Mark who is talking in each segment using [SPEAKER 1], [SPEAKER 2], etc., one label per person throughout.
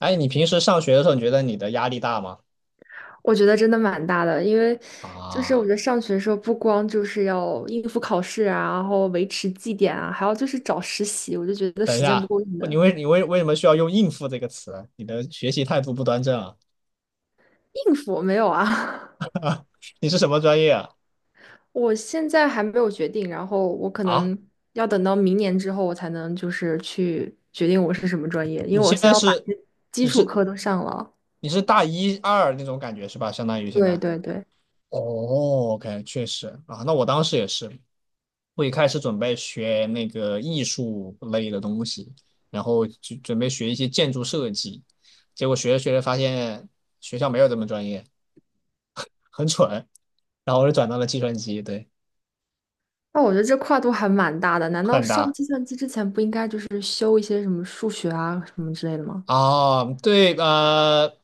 [SPEAKER 1] 哎，你平时上学的时候，你觉得你的压力大吗？
[SPEAKER 2] 我觉得真的蛮大的，因为就是我觉
[SPEAKER 1] 啊，
[SPEAKER 2] 得上学的时候不光就是要应付考试啊，然后维持绩点啊，还要就是找实习，我就觉得
[SPEAKER 1] 等一
[SPEAKER 2] 时间不
[SPEAKER 1] 下，
[SPEAKER 2] 够用
[SPEAKER 1] 你
[SPEAKER 2] 的。
[SPEAKER 1] 为你为为什么需要用"应付"这个词？你的学习态度不端正啊！
[SPEAKER 2] 应付没有啊，
[SPEAKER 1] 你是什么专业啊？
[SPEAKER 2] 我现在还没有决定，然后我可
[SPEAKER 1] 啊，
[SPEAKER 2] 能要等到明年之后，我才能就是去决定我是什么专业，因
[SPEAKER 1] 你
[SPEAKER 2] 为我
[SPEAKER 1] 现
[SPEAKER 2] 先
[SPEAKER 1] 在
[SPEAKER 2] 要把
[SPEAKER 1] 是
[SPEAKER 2] 这基
[SPEAKER 1] 你
[SPEAKER 2] 础
[SPEAKER 1] 是
[SPEAKER 2] 课都上了。
[SPEAKER 1] 你是大一二那种感觉是吧？相当于现在。
[SPEAKER 2] 对对对，
[SPEAKER 1] 哦，OK，确实啊，那我当时也是，我一开始准备学那个艺术类的东西，然后就准备学一些建筑设计，结果学着学着发现学校没有这么专业，很蠢。然后我就转到了计算机，对，
[SPEAKER 2] 那我觉得这跨度还蛮大的。难道
[SPEAKER 1] 很
[SPEAKER 2] 上
[SPEAKER 1] 大
[SPEAKER 2] 计算机之前不应该就是修一些什么数学啊什么之类的吗？
[SPEAKER 1] 哦，对，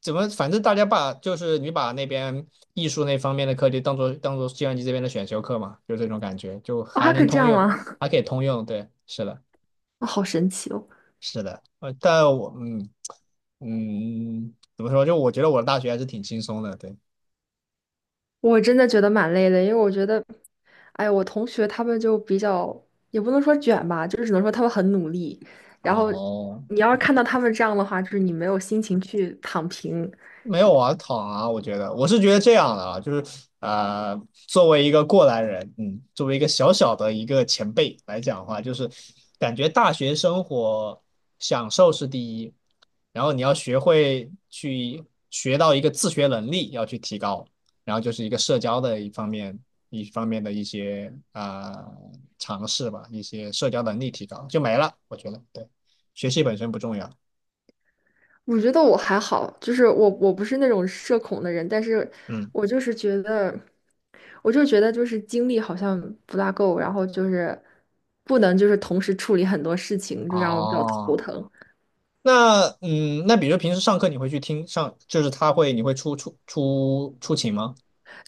[SPEAKER 1] 怎么，反正大家把就是你把那边艺术那方面的课题当做计算机这边的选修课嘛，就这种感觉，就
[SPEAKER 2] 哦，
[SPEAKER 1] 还
[SPEAKER 2] 还可
[SPEAKER 1] 能
[SPEAKER 2] 以这
[SPEAKER 1] 通
[SPEAKER 2] 样
[SPEAKER 1] 用，
[SPEAKER 2] 吗？
[SPEAKER 1] 还可以通用，对，是的，
[SPEAKER 2] 啊好神奇哦！
[SPEAKER 1] 是的，但我怎么说，就我觉得我的大学还是挺轻松的，对，
[SPEAKER 2] 我真的觉得蛮累的，因为我觉得，哎，我同学他们就比较，也不能说卷吧，就是只能说他们很努力。然后
[SPEAKER 1] 哦。
[SPEAKER 2] 你要是看到他们这样的话，就是你没有心情去躺平。
[SPEAKER 1] 没有啊，躺啊，我觉得我是觉得这样的啊，就是呃，作为一个过来人，嗯，作为一个小小的一个前辈来讲的话，就是感觉大学生活享受是第一，然后你要学会去学到一个自学能力要去提高，然后就是一个社交的一方面的一些尝试吧，一些社交能力提高就没了，我觉得对，学习本身不重要，
[SPEAKER 2] 我觉得我还好，就是我不是那种社恐的人，但是
[SPEAKER 1] 嗯，
[SPEAKER 2] 我就是觉得，我就觉得就是精力好像不大够，然后就是不能就是同时处理很多事情，就让我比较头
[SPEAKER 1] 哦。
[SPEAKER 2] 疼。
[SPEAKER 1] 那嗯，那比如平时上课你会去听上，就是他会你会出勤吗？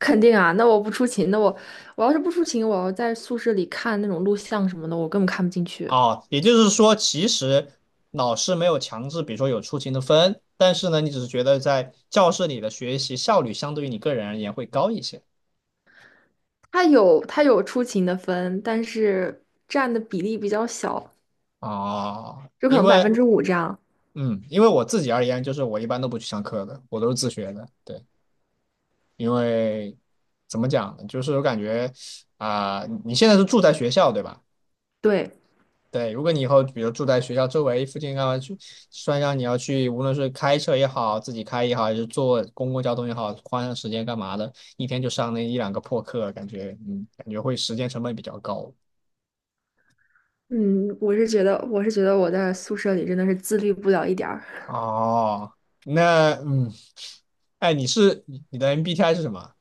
[SPEAKER 2] 肯定啊，那我不出勤，那我要是不出勤，我要在宿舍里看那种录像什么的，我根本看不进去。
[SPEAKER 1] 哦，也就是说，其实老师没有强制，比如说有出勤的分，但是呢，你只是觉得在教室里的学习效率相对于你个人而言会高一些
[SPEAKER 2] 他有出勤的分，但是占的比例比较小，
[SPEAKER 1] 哦。
[SPEAKER 2] 就可
[SPEAKER 1] 因
[SPEAKER 2] 能百分
[SPEAKER 1] 为
[SPEAKER 2] 之五这样。
[SPEAKER 1] 嗯，因为我自己而言，就是我一般都不去上课的，我都是自学的，对，因为怎么讲呢，就是我感觉你现在是住在学校对吧？
[SPEAKER 2] 对，
[SPEAKER 1] 对，如果你以后比如住在学校周围附近干嘛去，算上你要去，无论是开车也好，自己开也好，还是坐公共交通也好，花上时间干嘛的，一天就上那一两个破课，感觉感觉会时间成本比较高。
[SPEAKER 2] 嗯，我是觉得我在宿舍里真的是自律不了一点儿，
[SPEAKER 1] 哦，那嗯，哎，你的 MBTI 是什么？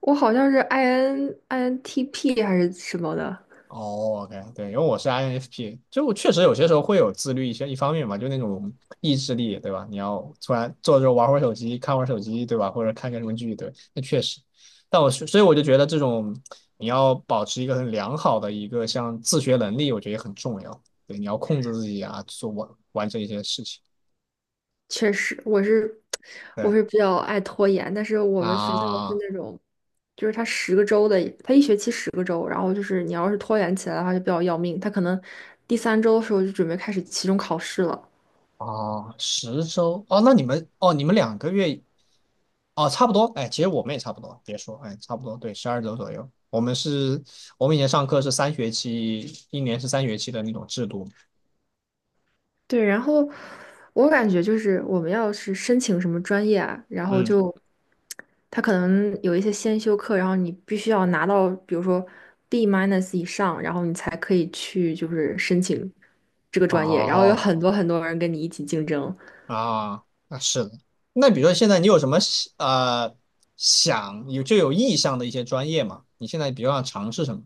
[SPEAKER 2] 我好像是 INTP 还是什么的。
[SPEAKER 1] 哦，OK,对，因为我是 INFP,就确实有些时候会有自律一些一方面嘛，就那种意志力，对吧？你要突然坐着玩会儿手机，看会儿手机，对吧？或者看个什么剧，对，那确实。但我是所以我就觉得这种你要保持一个很良好的一个像自学能力，我觉得也很重要。对，你要控制自己啊，完成一些事情。
[SPEAKER 2] 确实，我是
[SPEAKER 1] 对
[SPEAKER 2] 我是比较爱拖延，但是我们学校是
[SPEAKER 1] 啊，
[SPEAKER 2] 那种，就是他十个周的，他一学期十个周，然后就是你要是拖延起来的话就比较要命。他可能第三周的时候就准备开始期中考试了，
[SPEAKER 1] 哦，10周哦，那你们哦，你们2个月。哦，差不多，哎，其实我们也差不多，别说，哎，差不多，对，12周左右。我们是，我们以前上课是三学期，一年是三学期的那种制度。
[SPEAKER 2] 对，然后我感觉就是我们要是申请什么专业啊，然后
[SPEAKER 1] 嗯，
[SPEAKER 2] 就他可能有一些先修课，然后你必须要拿到，比如说 B minus 以上，然后你才可以去就是申请这个专业，然后有
[SPEAKER 1] 哦，
[SPEAKER 2] 很多很多人跟你一起竞争，
[SPEAKER 1] 啊，那是的。那比如说现在你有什么想有就有意向的一些专业吗？你现在比如想尝试什么？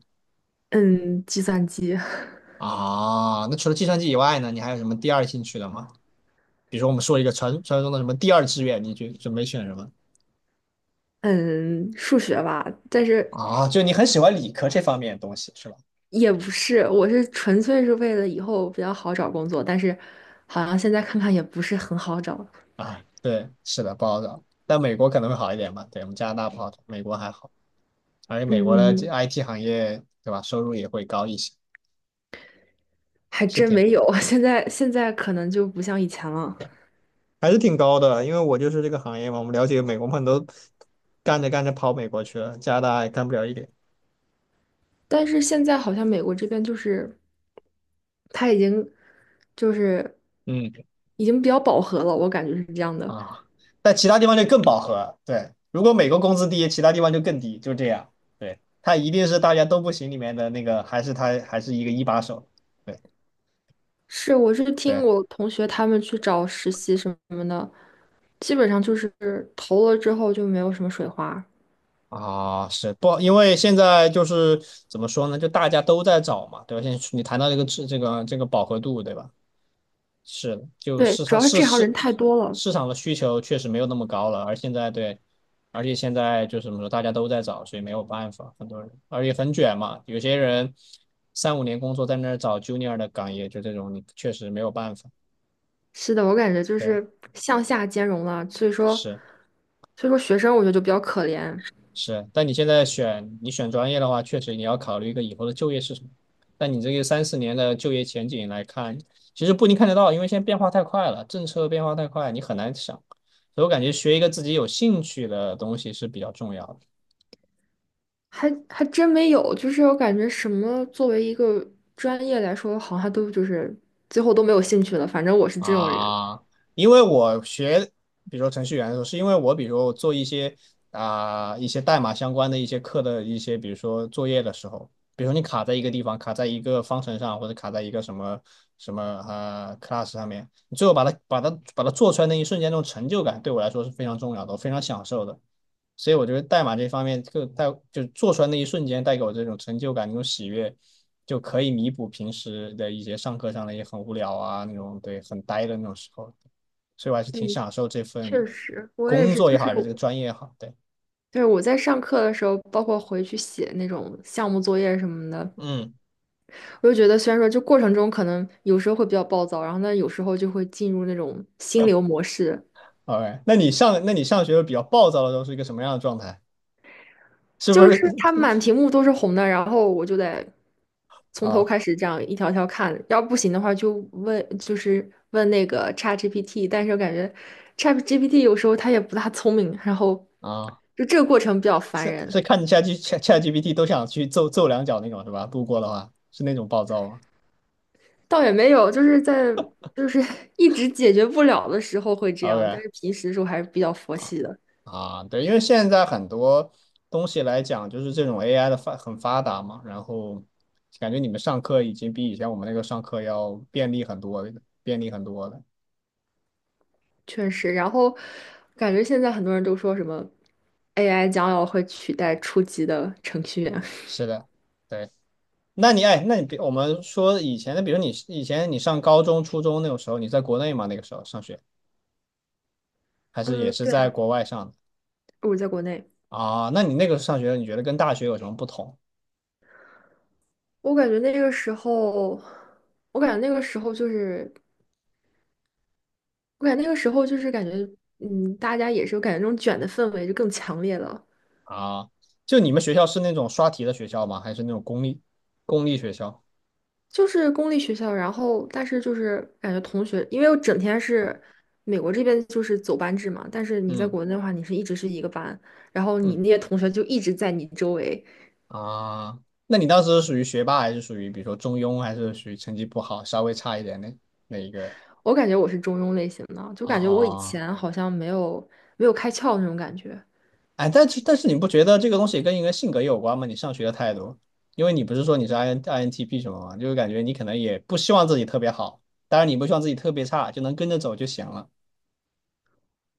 [SPEAKER 2] 嗯，计算机，
[SPEAKER 1] 啊，那除了计算机以外呢，你还有什么第二兴趣的吗？比如说我们说一个传说中的什么第二志愿，你就准备选什么？
[SPEAKER 2] 嗯，数学吧，但是
[SPEAKER 1] 啊，就你很喜欢理科这方面的东西是吧？
[SPEAKER 2] 也不是，我是纯粹是为了以后比较好找工作，但是好像现在看看也不是很好找，
[SPEAKER 1] 啊，对，是的，不好找。但美国可能会好一点吧？对，我们加拿大不好找，美国还好。而且美国的这
[SPEAKER 2] 嗯，
[SPEAKER 1] IT 行业，对吧？收入也会高一些，
[SPEAKER 2] 还
[SPEAKER 1] 是
[SPEAKER 2] 真
[SPEAKER 1] 挺
[SPEAKER 2] 没有，现在可能就不像以前了。
[SPEAKER 1] 还是挺高的。因为我就是这个行业嘛，我们了解美国朋友都干着干着跑美国去了，加拿大也干不了一点。
[SPEAKER 2] 但是现在好像美国这边就是它就是
[SPEAKER 1] 嗯
[SPEAKER 2] 已经比较饱和了，我感觉是这样的。
[SPEAKER 1] 啊，但其他地方就更饱和。对，如果美国工资低，其他地方就更低，就这样。对，他一定是大家都不行里面的那个，还是他还是一个一把手。对。
[SPEAKER 2] 是，我是听
[SPEAKER 1] 对。
[SPEAKER 2] 我同学他们去找实习什么的，基本上就是投了之后就没有什么水花。
[SPEAKER 1] 啊，是不？因为现在就是怎么说呢？就大家都在找嘛，对吧？现在你谈到这个质，这个饱和度，对吧？是的，就
[SPEAKER 2] 对，
[SPEAKER 1] 市
[SPEAKER 2] 主
[SPEAKER 1] 场
[SPEAKER 2] 要是
[SPEAKER 1] 市
[SPEAKER 2] 这行
[SPEAKER 1] 市
[SPEAKER 2] 人太多了。
[SPEAKER 1] 市场的需求确实没有那么高了，而现在对，而且现在就是怎么说，大家都在找，所以没有办法，很多人，而且很卷嘛，有些人三五年工作在那儿找 junior 的岗，也就这种，你确实没有办法。
[SPEAKER 2] 是的，我感觉就
[SPEAKER 1] 对，
[SPEAKER 2] 是向下兼容了，所以说，
[SPEAKER 1] 是。
[SPEAKER 2] 所以说学生我觉得就比较可怜。
[SPEAKER 1] 是，但你现在选专业的话，确实你要考虑一个以后的就业是什么。但你这个三四年的就业前景来看，其实不一定看得到，因为现在变化太快了，政策变化太快，你很难想。所以我感觉学一个自己有兴趣的东西是比较重要的。
[SPEAKER 2] 还真没有，就是我感觉什么作为一个专业来说，好像都就是最后都没有兴趣了。反正我是这种人。
[SPEAKER 1] 啊，因为我学，比如说程序员的时候，是因为我比如说我做一些一些代码相关的一些课的一些，比如说作业的时候，比如说你卡在一个地方，卡在一个方程上，或者卡在一个什么什么class 上面，你最后把它做出来那一瞬间，那种成就感对我来说是非常重要的，我非常享受的。所以我觉得代码这方面，就做出来那一瞬间带给我这种成就感、那种喜悦，就可以弥补平时的一些上课上的也很无聊啊，那种对很呆的那种时候。所以我还是挺
[SPEAKER 2] 嗯，
[SPEAKER 1] 享受这份
[SPEAKER 2] 确实，我也
[SPEAKER 1] 工
[SPEAKER 2] 是，
[SPEAKER 1] 作
[SPEAKER 2] 就
[SPEAKER 1] 也好，
[SPEAKER 2] 是
[SPEAKER 1] 还是这个专业也好。对，
[SPEAKER 2] 就是我在上课的时候，包括回去写那种项目作业什么的，
[SPEAKER 1] 嗯
[SPEAKER 2] 我就觉得虽然说就过程中可能有时候会比较暴躁，然后呢有时候就会进入那种心流模式，
[SPEAKER 1] ，OK。那你上学比较暴躁的时候是一个什么样的状态？是不
[SPEAKER 2] 就是它
[SPEAKER 1] 是
[SPEAKER 2] 满屏幕都是红的，然后我就得 从头
[SPEAKER 1] 啊
[SPEAKER 2] 开始这样一条条看，要不行的话就问，就是问那个 ChatGPT，但是我感觉 ChatGPT 有时候它也不大聪明，然后
[SPEAKER 1] 啊？
[SPEAKER 2] 就这个过程比较烦
[SPEAKER 1] 是
[SPEAKER 2] 人，
[SPEAKER 1] 是看 ChatG Chat Chat g p t 都想去揍揍两脚那种是吧？路过的话是那种暴躁吗
[SPEAKER 2] 倒也没有，就是在就是 一直解决不了的时候会这样，
[SPEAKER 1] ？OK。
[SPEAKER 2] 但是平时的时候还是比较佛
[SPEAKER 1] 啊。
[SPEAKER 2] 系的，
[SPEAKER 1] 啊，对，因为现在很多东西来讲，就是这种 AI 的很发达嘛，然后感觉你们上课已经比以前我们那个上课要便利很多，便利很多了。
[SPEAKER 2] 确实。然后感觉现在很多人都说什么 AI 将要会取代初级的程序员，
[SPEAKER 1] 是的，对。那你比我们说以前的，比如你以前你上高中、初中那种时候，你在国内吗？那个时候上学，还是也
[SPEAKER 2] 嗯，
[SPEAKER 1] 是
[SPEAKER 2] 对
[SPEAKER 1] 在
[SPEAKER 2] 啊，
[SPEAKER 1] 国外上的
[SPEAKER 2] 我在国内。
[SPEAKER 1] 啊？那你那个上学，你觉得跟大学有什么不同
[SPEAKER 2] 我感觉那个时候，我感觉那个时候就是，我感觉那个时候就是感觉，嗯，大家也是感觉那种卷的氛围就更强烈了。
[SPEAKER 1] 啊？就你们学校是那种刷题的学校吗？还是那种公立学校？
[SPEAKER 2] 就是公立学校，然后但是就是感觉同学，因为我整天是美国这边就是走班制嘛，但是你在
[SPEAKER 1] 嗯。
[SPEAKER 2] 国内的话，你是一直是一个班，然后你
[SPEAKER 1] 嗯
[SPEAKER 2] 那些同学就一直在你周围。
[SPEAKER 1] 啊，那你当时是属于学霸，还是属于比如说中庸，还是属于成绩不好，稍微差一点的那一个？
[SPEAKER 2] 我感觉我是中庸类型的，就感觉我以
[SPEAKER 1] 啊，
[SPEAKER 2] 前好像没有开窍那种感觉。
[SPEAKER 1] 哎，但是你不觉得这个东西跟一个性格有关吗？你上学的态度，因为你不是说你是 INTP 什么吗？就是感觉你可能也不希望自己特别好，当然你不希望自己特别差，就能跟着走就行了。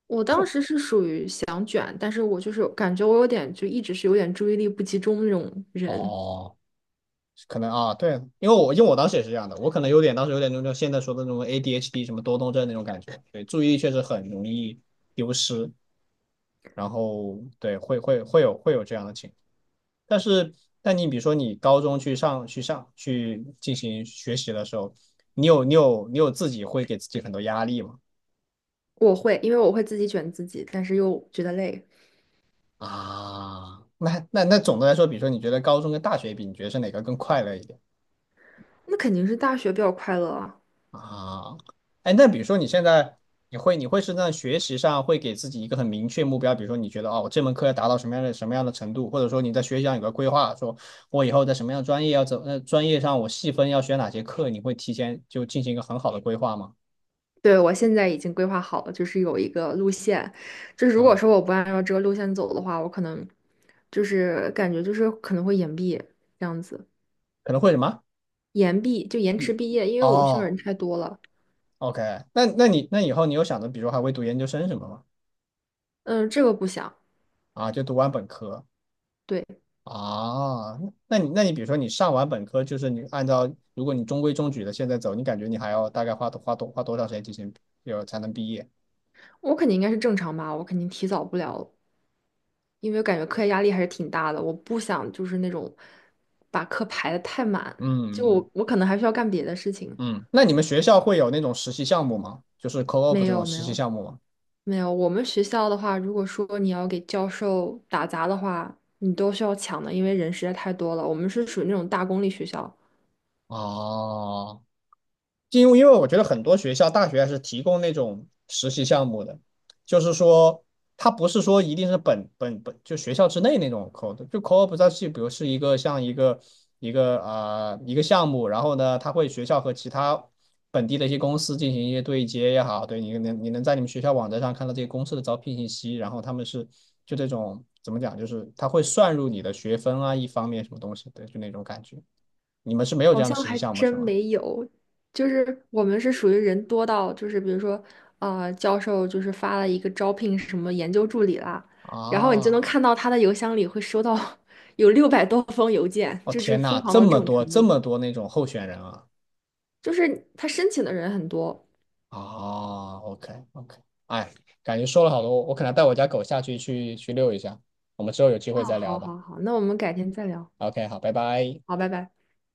[SPEAKER 2] 我当
[SPEAKER 1] 后
[SPEAKER 2] 时是属于想卷，但是我就是感觉我有点就一直是有点注意力不集中那种人。
[SPEAKER 1] 哦，可能啊，对，因为我当时也是这样的，我可能有点当时有点那种现在说的那种 ADHD 什么多动症那种感觉，对，注意力确实很容易丢失。然后对，会有这样的情况但是，但你比如说你高中去进行学习的时候，你有自己会给自己很多压力吗？
[SPEAKER 2] 我会，因为我会自己卷自己，但是又觉得累。
[SPEAKER 1] 啊，那总的来说，比如说你觉得高中跟大学比，你觉得是哪个更快乐一点？
[SPEAKER 2] 那肯定是大学比较快乐啊。
[SPEAKER 1] 啊，哎，那比如说你现在你会在学习上会给自己一个很明确目标，比如说你觉得哦，我这门课要达到什么样的程度，或者说你在学习上有个规划，说我以后在什么样的专业要走，专业上我细分要选哪些课，你会提前就进行一个很好的规划吗？
[SPEAKER 2] 对，我现在已经规划好了，就是有一个路线，就是如果
[SPEAKER 1] 啊，
[SPEAKER 2] 说我不按照这个路线走的话，我可能就是感觉就是可能会延毕这样子，
[SPEAKER 1] 可能会什么？
[SPEAKER 2] 延毕就延迟
[SPEAKER 1] 一
[SPEAKER 2] 毕业，因为我们学校
[SPEAKER 1] 哦
[SPEAKER 2] 人太多了。
[SPEAKER 1] ，OK,那那你那以后你有想着，比如还会读研究生什么吗？
[SPEAKER 2] 嗯，这个不想。
[SPEAKER 1] 啊，就读完本科
[SPEAKER 2] 对，
[SPEAKER 1] 啊，那你那你比如说你上完本科，就是你按照如果你中规中矩的现在走，你感觉你还要大概花多长时间进行有才能毕业？
[SPEAKER 2] 我肯定应该是正常吧，我肯定提早不了。因为感觉课业压力还是挺大的，我不想就是那种把课排的太满，就
[SPEAKER 1] 嗯嗯
[SPEAKER 2] 我可能还需要干别的事情。
[SPEAKER 1] 嗯，那你们学校会有那种实习项目吗？就是 co-op
[SPEAKER 2] 没
[SPEAKER 1] 这种
[SPEAKER 2] 有没
[SPEAKER 1] 实习
[SPEAKER 2] 有
[SPEAKER 1] 项目吗？
[SPEAKER 2] 没有，我们学校的话，如果说你要给教授打杂的话，你都需要抢的，因为人实在太多了。我们是属于那种大公立学校，
[SPEAKER 1] 哦因为我觉得很多学校大学还是提供那种实习项目的，就是说它不是说一定是本本本就学校之内那种 code,就 co-op 它是比如是一个像一个一个呃一个项目，然后呢，它会学校和其他本地的一些公司进行一些对接也好，你能在你们学校网站上看到这些公司的招聘信息，然后他们是就这种怎么讲，就是它会算入你的学分啊，一方面什么东西，对，就那种感觉。你们是没有这
[SPEAKER 2] 好
[SPEAKER 1] 样的
[SPEAKER 2] 像
[SPEAKER 1] 实习
[SPEAKER 2] 还
[SPEAKER 1] 项目
[SPEAKER 2] 真
[SPEAKER 1] 是吗？
[SPEAKER 2] 没有，就是我们是属于人多到，就是比如说，教授就是发了一个招聘什么研究助理啦，然后你就能
[SPEAKER 1] 啊。
[SPEAKER 2] 看到他的邮箱里会收到 有600多封邮件，
[SPEAKER 1] 哦
[SPEAKER 2] 就是
[SPEAKER 1] 天
[SPEAKER 2] 疯
[SPEAKER 1] 呐，
[SPEAKER 2] 狂
[SPEAKER 1] 这
[SPEAKER 2] 到这
[SPEAKER 1] 么
[SPEAKER 2] 种
[SPEAKER 1] 多
[SPEAKER 2] 程
[SPEAKER 1] 这
[SPEAKER 2] 度，
[SPEAKER 1] 么多那种候选人啊！
[SPEAKER 2] 就是他申请的人很多。
[SPEAKER 1] 哦，OK OK,哎，感觉说了好多，我可能带我家狗下去遛一下，我们之后有机会
[SPEAKER 2] 哦，
[SPEAKER 1] 再聊
[SPEAKER 2] 好
[SPEAKER 1] 吧。
[SPEAKER 2] 好好，那我们改天再聊，
[SPEAKER 1] OK,好，拜拜。
[SPEAKER 2] 好，拜拜。